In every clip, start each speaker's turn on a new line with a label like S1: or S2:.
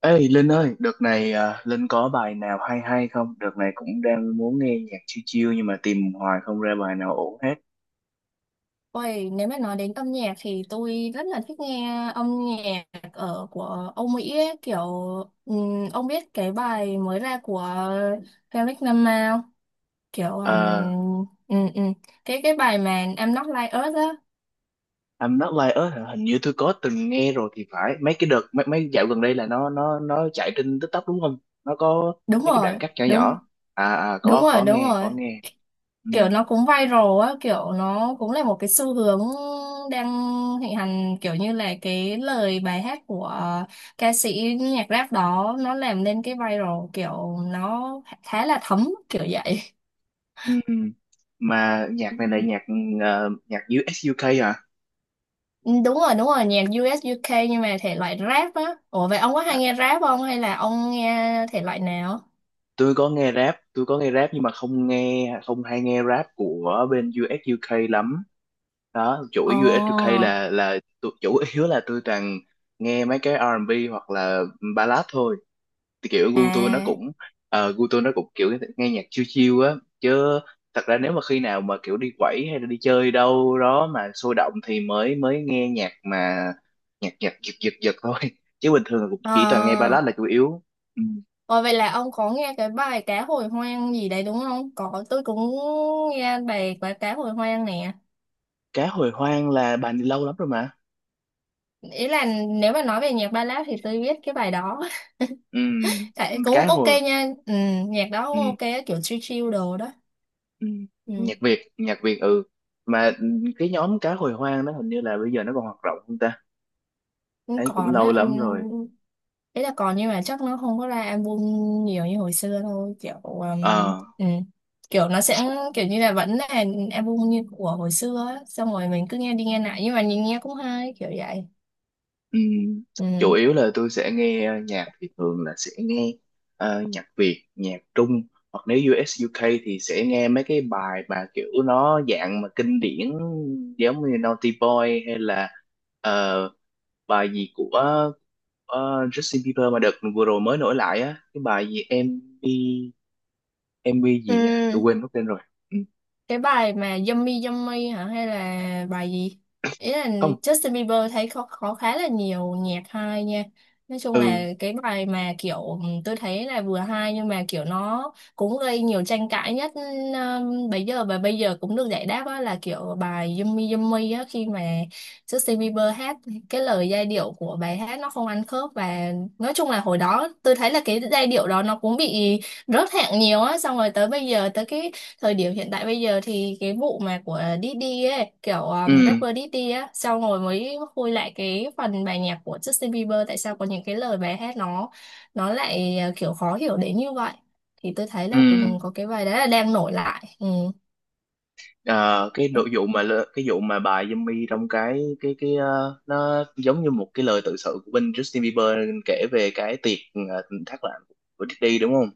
S1: Ê Linh ơi, đợt này à, Linh có bài nào hay hay không? Đợt này cũng đang muốn nghe nhạc chill chill nhưng mà tìm hoài không ra bài nào ổn hết.
S2: Ôi, nếu mà nói đến âm nhạc thì tôi rất là thích nghe âm nhạc ở của Âu Mỹ ấy, kiểu ông biết cái bài mới ra của Kendrick Lamar không? Kiểu
S1: Uh,
S2: ừm, ừm, cái bài mà I'm Not Like Us á.
S1: I'm Not Like Us hả? Hình như tôi có từng nghe rồi thì phải. Mấy cái đợt mấy mấy dạo gần đây là nó chạy trên TikTok đúng không? Nó có
S2: Đúng
S1: mấy cái đoạn
S2: rồi,
S1: cắt nhỏ
S2: đúng
S1: nhỏ. À,
S2: đúng
S1: có
S2: rồi
S1: có
S2: đúng
S1: nghe,
S2: rồi
S1: có nghe. Ừ,
S2: Kiểu nó cũng viral á, kiểu nó cũng là một cái xu hướng đang thịnh hành, kiểu như là cái lời bài hát của ca sĩ nhạc rap đó nó làm nên cái viral, kiểu nó khá là thấm kiểu vậy.
S1: ừ. Ừ. Mà nhạc
S2: Ừ.
S1: này là nhạc US UK à?
S2: Ừ, đúng rồi, đúng rồi, nhạc US UK nhưng mà thể loại rap á. Ủa vậy ông có hay nghe rap không hay là ông nghe thể loại nào?
S1: Tôi có nghe rap, tôi có nghe rap nhưng mà không hay nghe rap của bên US UK lắm đó.
S2: Ồ.
S1: Chuỗi USUK chủ yếu là tôi toàn nghe mấy cái R&B hoặc là ballad thôi, thì kiểu gu tôi nó
S2: À.
S1: cũng gu tôi nó cũng kiểu nghe nhạc chill chill á, chứ thật ra nếu mà khi nào mà kiểu đi quẩy hay là đi chơi đâu đó mà sôi động thì mới mới nghe nhạc mà nhạc nhạc giật giật giật thôi. Chứ bình thường là cũng chỉ toàn nghe
S2: Ờ.
S1: ballad là chủ yếu. Ừ.
S2: Ờ, vậy là ông có nghe cái bài cá hồi hoang gì đấy đúng không? Có, tôi cũng nghe bài cá cá hồi hoang nè.
S1: Cá hồi hoang là bà đi lâu lắm rồi mà.
S2: Ý là nếu mà nói về nhạc ballad thì tôi biết cái bài đó.
S1: Ừ,
S2: Tại cũng
S1: cá
S2: ok
S1: hồi.
S2: nha. Ừ, nhạc đó
S1: Ừ.
S2: cũng ok, kiểu chill chill đồ đó.
S1: Ừ,
S2: Ừ.
S1: nhạc Việt nhạc Việt, ừ, mà cái nhóm cá hồi hoang đó hình như là bây giờ nó còn hoạt động không ta?
S2: Cũng
S1: Thấy cũng
S2: còn á,
S1: lâu
S2: ừ,
S1: lắm rồi.
S2: ý là còn nhưng mà chắc nó không có ra album nhiều như hồi xưa thôi. Kiểu,
S1: Ờ.
S2: ừ. Kiểu nó sẽ kiểu như là vẫn là album như của hồi xưa á. Xong rồi mình cứ nghe đi nghe lại nhưng mà nhìn nghe cũng hay kiểu vậy.
S1: Ừ, chủ
S2: Ừ.
S1: yếu là tôi sẽ nghe nhạc thì thường là sẽ nghe nhạc Việt, nhạc Trung, hoặc nếu US UK thì sẽ nghe mấy cái bài mà kiểu nó dạng mà kinh điển, giống như Naughty Boy hay là ờ, bài gì của Justin Bieber mà đợt vừa rồi mới nổi lại á, cái bài gì em đi. Em MV gì nhỉ, tôi
S2: Ừ.
S1: quên mất tên rồi. Ừ,
S2: Cái bài mà Yummy Yummy hả hay là bài gì, ý là
S1: không.
S2: Justin Bieber thấy có khá là nhiều nhạc hay nha. Nói chung
S1: Ừ,
S2: là cái bài mà kiểu tôi thấy là vừa hay nhưng mà kiểu nó cũng gây nhiều tranh cãi nhất, bây giờ và bây giờ cũng được giải đáp á, là kiểu bài Yummy Yummy á, khi mà Justin Bieber hát cái lời giai điệu của bài hát nó không ăn khớp, và nói chung là hồi đó tôi thấy là cái giai điệu đó nó cũng bị rớt hạng nhiều á, xong rồi tới bây giờ tới cái thời điểm hiện tại bây giờ thì cái vụ mà của Diddy ấy, kiểu
S1: ừ,
S2: rapper Diddy á, sau rồi mới khui lại cái phần bài nhạc của Justin Bieber tại sao có những cái lời bài hát nó lại kiểu khó hiểu đến như vậy, thì tôi thấy
S1: ừ.
S2: là cũng có cái bài đấy là đang nổi lại. Ừ.
S1: Ờ, cái nội vụ mà cái vụ mà bài Yummy trong cái nó giống như một cái lời tự sự của bên Justin Bieber kể về cái tiệc thác loạn của Diddy đúng không?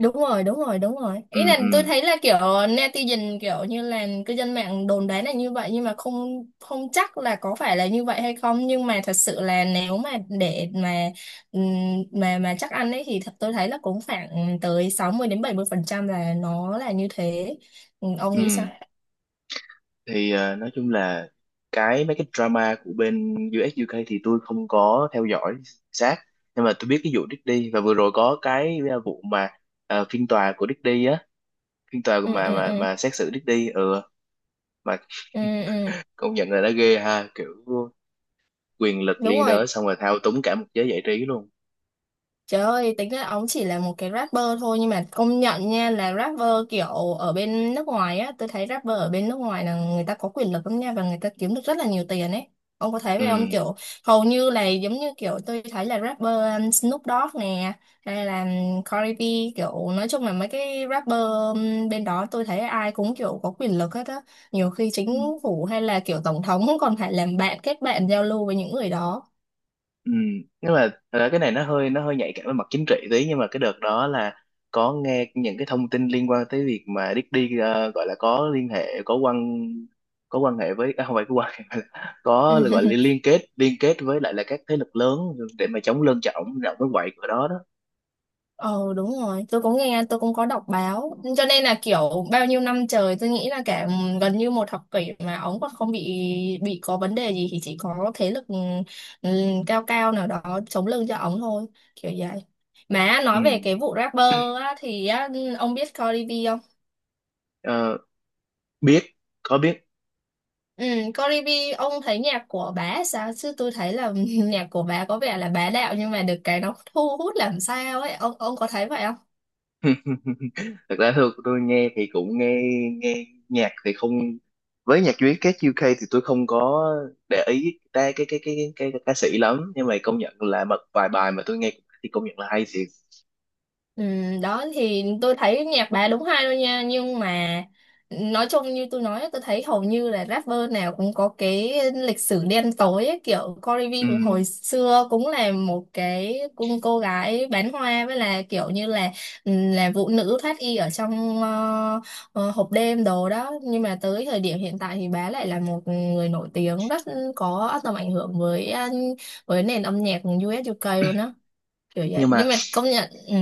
S2: Đúng rồi, đúng rồi, đúng rồi, ý
S1: Ừ,
S2: là
S1: ừ,
S2: tôi thấy là kiểu netizen kiểu như là cư dân mạng đồn đoán là như vậy nhưng mà không không chắc là có phải là như vậy hay không, nhưng mà thật sự là nếu mà để ừm, mà chắc ăn ấy thì thật tôi thấy là cũng khoảng tới 60 đến 70 phần trăm là nó là như thế. Ừ, ông
S1: ừ.
S2: nghĩ sao?
S1: Thì nói chung là mấy cái drama của bên US UK thì tôi không có theo dõi sát, nhưng mà tôi biết cái vụ Diddy và vừa rồi có cái vụ mà phiên tòa của Diddy á, phiên tòa
S2: Ừ.
S1: mà
S2: Ừ.
S1: mà
S2: Ừ.
S1: mà xét xử Diddy. Ừ, mà
S2: Ừ. Ừ.
S1: công nhận là đã ghê ha, kiểu quyền lực
S2: Đúng
S1: liên
S2: rồi.
S1: đới, xong rồi thao túng cả một giới giải trí luôn.
S2: Trời ơi, tính ra ông chỉ là một cái rapper thôi nhưng mà công nhận nha là rapper kiểu ở bên nước ngoài á, tôi thấy rapper ở bên nước ngoài là người ta có quyền lực lắm nha và người ta kiếm được rất là nhiều tiền ấy. Ông có thấy
S1: Ừ.
S2: vậy không? Kiểu hầu như là giống như kiểu tôi thấy là rapper Snoop Dogg nè hay là Cardi B, kiểu nói chung là mấy cái rapper bên đó tôi thấy ai cũng kiểu có quyền lực hết á. Nhiều khi
S1: Ừ.
S2: chính phủ hay là kiểu tổng thống cũng còn phải làm bạn kết bạn giao lưu với những người đó.
S1: Ừ, nhưng mà thật ra cái này nó hơi nhạy cảm với mặt chính trị tí, nhưng mà cái đợt đó là có nghe những cái thông tin liên quan tới việc mà Diddy gọi là có liên hệ, có quan hệ với, à, không phải có quan hệ mà là có gọi là liên kết với lại là các thế lực lớn để mà chống lân cho ổng rộng cái quậy của đó đó.
S2: Ờ đúng rồi, tôi cũng nghe, tôi cũng có đọc báo. Cho nên là kiểu bao nhiêu năm trời tôi nghĩ là cả gần như một thập kỷ mà ống còn không bị có vấn đề gì thì chỉ có thế lực, ừ, cao cao nào đó chống lưng cho ống thôi, kiểu vậy. Mà nói về
S1: Ừ.
S2: cái vụ rapper á, thì á, ông biết Cardi B không?
S1: Ờ, biết, có biết.
S2: Ừ, Cardi B, ông thấy nhạc của bà sao? Chứ tôi thấy là nhạc của bà có vẻ là bá đạo nhưng mà được cái nó thu hút làm sao ấy. Ông có thấy vậy không?
S1: Thật ra thôi tôi nghe thì cũng nghe, nghe nhạc thì không, với nhạc Việt các UK thì tôi không có để ý ta ca sĩ lắm, nhưng mà công nhận là một vài bài mà tôi nghe thì công nhận là hay thiệt.
S2: Ừ, đó thì tôi thấy nhạc bà đúng hay luôn nha, nhưng mà nói chung như tôi nói tôi thấy hầu như là rapper nào cũng có cái lịch sử đen tối ấy, kiểu Cardi
S1: Ừ,
S2: B cũng hồi xưa cũng là một cái cô gái bán hoa với là kiểu như là ừ, là vũ nữ thoát y ở trong hộp đêm đồ đó, nhưng mà tới thời điểm hiện tại thì bà lại là một người nổi tiếng rất có tầm ảnh hưởng với với nền âm nhạc US UK luôn đó, kiểu vậy
S1: nhưng mà,
S2: nhưng mà công nhận ừ.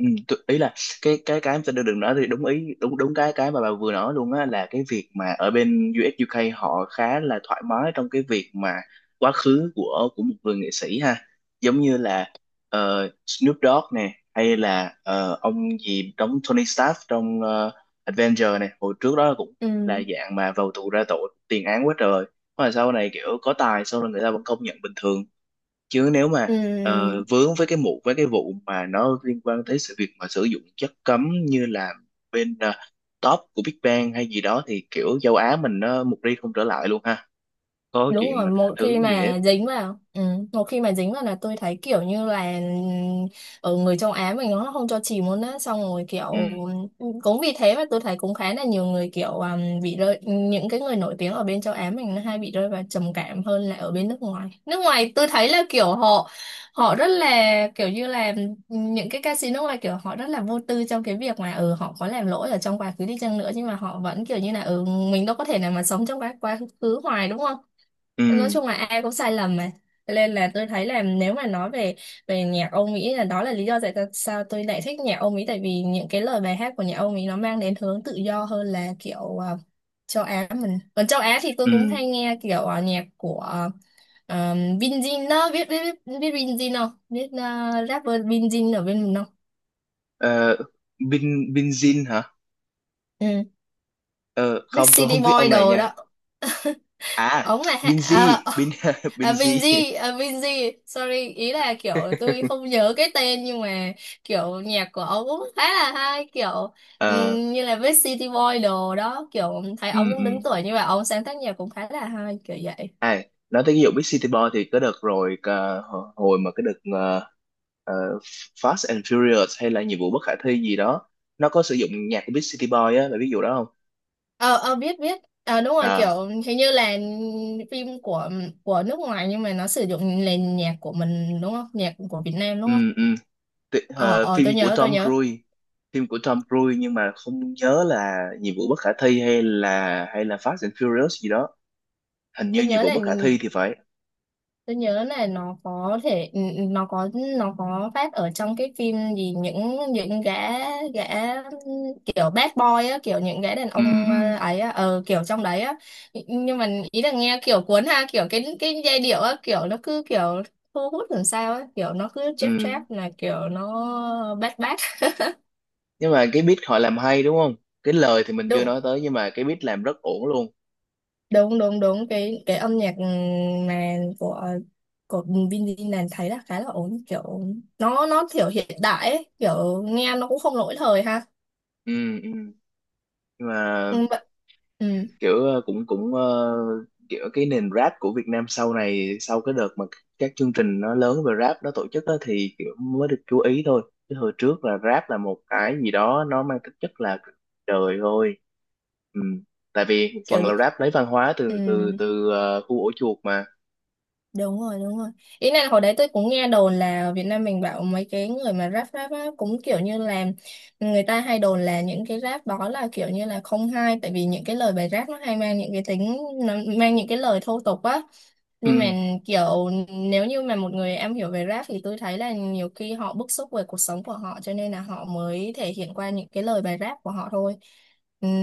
S1: ừ, tôi, ý là cái em sẽ đưa đường đó thì đúng ý, đúng đúng cái mà bà vừa nói luôn á, là cái việc mà ở bên US UK họ khá là thoải mái trong cái việc mà quá khứ của một người nghệ sĩ ha, giống như là Snoop Dogg nè, hay là ông gì đóng Tony Stark trong Avenger này hồi trước đó, cũng
S2: Ừ.
S1: là dạng mà vào tù ra tội, tiền án quá trời, mà sau này kiểu có tài, sau này người ta vẫn công nhận bình thường. Chứ nếu mà
S2: Ừm,
S1: vướng với cái mụ với cái vụ mà nó liên quan tới sự việc mà sử dụng chất cấm như là bên top của Big Bang hay gì đó thì kiểu châu Á mình nó một đi không trở lại luôn ha, có
S2: đúng
S1: chuyện
S2: rồi,
S1: mà tha
S2: một
S1: thứ
S2: khi
S1: gì hết.
S2: mà dính vào ừ, một khi mà dính vào là tôi thấy kiểu như là ừ, ở người châu Á mình nó không cho chìm luôn á, xong rồi kiểu
S1: Ừ,
S2: ừ, cũng vì thế mà tôi thấy cũng khá là nhiều người kiểu bị rơi những cái người nổi tiếng ở bên châu Á mình nó hay bị rơi vào trầm cảm hơn là ở bên nước ngoài, nước ngoài tôi thấy là kiểu họ họ rất là kiểu như là ừ, những cái ca sĩ nước ngoài kiểu họ rất là vô tư trong cái việc mà ừ họ có làm lỗi ở trong quá khứ đi chăng nữa nhưng mà họ vẫn kiểu như là ừ mình đâu có thể nào mà sống trong quá quá khứ hoài đúng không,
S1: ừ,
S2: nói chung là ai cũng sai lầm mà. Cho nên là tôi thấy là nếu mà nói về về nhạc Âu Mỹ là đó là lý do sao tôi lại thích nhạc Âu Mỹ, tại vì những cái lời bài hát của nhạc Âu Mỹ nó mang đến hướng tự do hơn là kiểu châu Á mình, còn châu Á thì
S1: ừ.
S2: tôi cũng hay nghe kiểu nhạc của uh, Vin Jin đó, biết biết Vin Jin không, biết rapper Vin Jin ở bên mình không?
S1: Ờ, Binzin hả?
S2: Ừ.
S1: Ờ,
S2: Big
S1: không tôi
S2: City
S1: không biết
S2: Boy
S1: ông này
S2: đồ
S1: nha.
S2: đó,
S1: À,
S2: ống này
S1: Binz.
S2: à,
S1: Bin
S2: à,
S1: Binz.
S2: Binz. À, Binz, sorry, ý là kiểu tôi không nhớ cái tên nhưng mà kiểu nhạc của ông cũng khá là hay, kiểu
S1: Ờ.
S2: như là với City Boy đồ đó, kiểu thấy ông
S1: Ừ,
S2: cũng
S1: ừ.
S2: đứng tuổi như vậy ông sáng tác nhạc cũng khá là hay kiểu vậy.
S1: À, nói tới ví dụ Big City Boy thì cái đợt rồi, ờ, hồi hồi mà cái đợt ờ, Fast and Furious hay là nhiệm vụ bất khả thi gì đó, nó có sử dụng nhạc của Big City Boy á, là ví dụ đó không?
S2: Ờ ờ biết biết ờ đúng rồi,
S1: À,
S2: kiểu hình như là phim của nước ngoài nhưng mà nó sử dụng nền nhạc của mình đúng không, nhạc của Việt Nam đúng
S1: ừ,
S2: không?
S1: ừ.
S2: Ờ ờ
S1: Phim
S2: tôi
S1: của
S2: nhớ, tôi
S1: Tom
S2: nhớ
S1: Cruise, phim của Tom Cruise nhưng mà không nhớ là nhiệm vụ bất khả thi hay là Fast and Furious gì đó, hình như
S2: tôi
S1: nhiệm
S2: nhớ
S1: vụ
S2: là
S1: bất khả thi thì phải.
S2: tôi nhớ là nó có thể ừ, ừ, nó có phát ở trong cái phim gì, những gã gã kiểu bad boy á, kiểu những gã đàn
S1: Ừ,
S2: ông
S1: ừ,
S2: ấy á ờ kiểu trong đấy á, nhưng mà ý là nghe kiểu cuốn ha, kiểu cái giai điệu á kiểu nó cứ kiểu thu hút làm sao á, kiểu nó cứ
S1: ừ.
S2: chép chép là kiểu nó bad bad.
S1: Nhưng mà cái beat họ làm hay đúng không? Cái lời thì mình chưa
S2: đúng
S1: nói tới, nhưng mà cái beat làm rất ổn luôn.
S2: đúng đúng đúng Cái âm nhạc mà của Vin Diesel thấy là khá là ổn, kiểu nó kiểu hiện đại ấy, kiểu nghe nó cũng không lỗi thời ha.
S1: Ừ, ừ. Nhưng mà
S2: Ừ, vậy- ừ,
S1: kiểu ờ, cũng cũng ờ, kiểu cái nền rap của Việt Nam sau này, sau cái đợt mà các chương trình nó lớn về rap nó tổ chức á, thì kiểu mới được chú ý thôi, chứ hồi trước là rap là một cái gì đó nó mang tính chất là đời thôi. Ừ. Tại vì một
S2: kiểu
S1: phần là rap lấy văn hóa từ từ
S2: ừ,
S1: từ khu ổ chuột mà.
S2: đúng rồi, đúng rồi, ý này hồi đấy tôi cũng nghe đồn là ở Việt Nam mình bảo mấy cái người mà rap rap á, cũng kiểu như là người ta hay đồn là những cái rap đó là kiểu như là không hay, tại vì những cái lời bài rap nó hay mang những cái tính, nó mang những cái lời thô tục á
S1: Ừ.
S2: nhưng mà kiểu nếu như mà một người am hiểu về rap thì tôi thấy là nhiều khi họ bức xúc về cuộc sống của họ, cho nên là họ mới thể hiện qua những cái lời bài rap của họ thôi.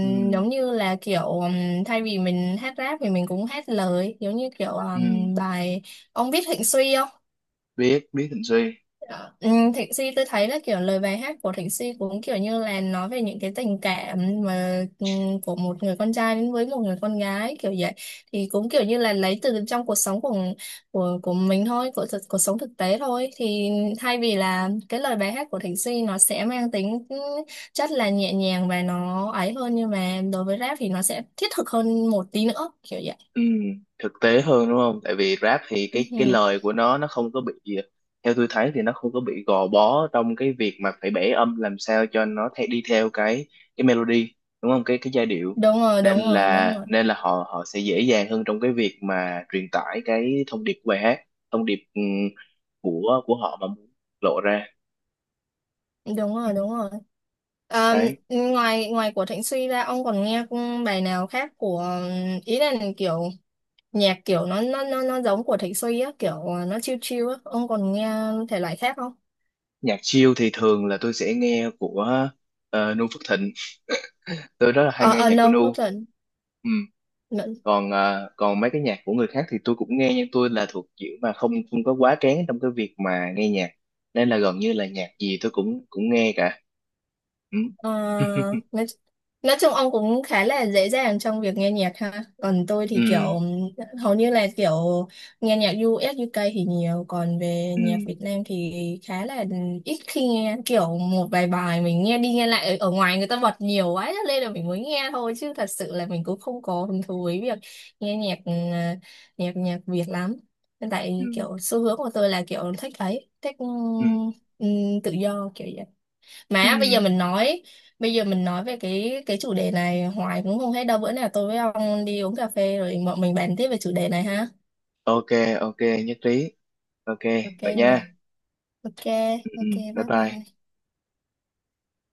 S1: Ừ.
S2: Giống như là kiểu thay vì mình hát rap thì mình cũng hát lời giống như kiểu
S1: Ừ.
S2: bài ông biết Hạnh Suy không?
S1: Biết, biết Thịnh Suy.
S2: Ừ, Thịnh Si tôi thấy là kiểu lời bài hát của Thịnh Si cũng kiểu như là nói về những cái tình cảm mà ừ, của một người con trai đến với một người con gái kiểu vậy, thì cũng kiểu như là lấy từ trong cuộc sống của của mình thôi, của thực- cuộc sống thực tế thôi, thì thay vì là cái lời bài hát của Thịnh Si nó sẽ mang tính ừ, chất là nhẹ nhàng và nó ấy hơn nhưng mà đối với rap thì nó sẽ thiết thực hơn một tí nữa kiểu vậy.
S1: Ừ, thực tế hơn đúng không? Tại vì rap thì
S2: Ừ,
S1: cái lời của nó không có bị, theo tôi thấy thì nó không có bị gò bó trong cái việc mà phải bẻ âm làm sao cho nó theo, đi theo cái melody đúng không? Cái giai điệu.
S2: đúng rồi,
S1: nên
S2: đúng rồi đúng
S1: là
S2: rồi
S1: nên là họ họ sẽ dễ dàng hơn trong cái việc mà truyền tải cái thông điệp của bài hát, thông điệp, ừ, của họ mà muốn lộ ra.
S2: đúng rồi đúng rồi Ờ,
S1: Đấy.
S2: ngoài ngoài của Thịnh Suy ra ông còn nghe bài nào khác của, ý là kiểu nhạc kiểu nó giống của Thịnh Suy á, kiểu nó chill chill á, ông còn nghe thể loại khác không?
S1: Nhạc chill thì thường là tôi sẽ nghe của Nu Phước Thịnh. Tôi rất là hay
S2: Ờ
S1: nghe
S2: ờ
S1: nhạc của
S2: no
S1: Nu.
S2: không.
S1: Ừ. Còn còn mấy cái nhạc của người khác thì tôi cũng nghe, nhưng tôi là thuộc kiểu mà không không có quá kén trong cái việc mà nghe nhạc, nên là gần như là nhạc gì tôi cũng cũng nghe cả. Ừ.
S2: Ờ, nói, nói chung ông cũng khá là dễ dàng trong việc nghe nhạc ha. Còn tôi
S1: Ừ,
S2: thì kiểu hầu như là kiểu nghe nhạc u ét u UK thì nhiều, còn về nhạc
S1: ừ,
S2: Việt Nam thì khá là ít khi nghe, kiểu một vài bài mình nghe đi nghe lại ở, ở ngoài người ta bật nhiều quá cho nên là mình mới nghe thôi, chứ thật sự là mình cũng không có hứng thú với việc nghe nhạc ừ, nhạc nhạc Việt lắm.
S1: ừ,
S2: Tại kiểu xu hướng của tôi là kiểu thích ấy, thích ừ,
S1: ừ,
S2: ừ, tự do kiểu
S1: ừ.
S2: mà bây giờ mình nói bây giờ mình nói về cái chủ đề này hoài cũng không hết đâu, bữa nào tôi với ông đi uống cà phê rồi bọn mình bàn tiếp về chủ đề này ha.
S1: Ok. Ok, nhất trí. Ok,
S2: Ok
S1: vậy
S2: nha.
S1: nha.
S2: Ok,
S1: Ừ, ừ.
S2: ok,
S1: Bye
S2: bye bye.
S1: bye.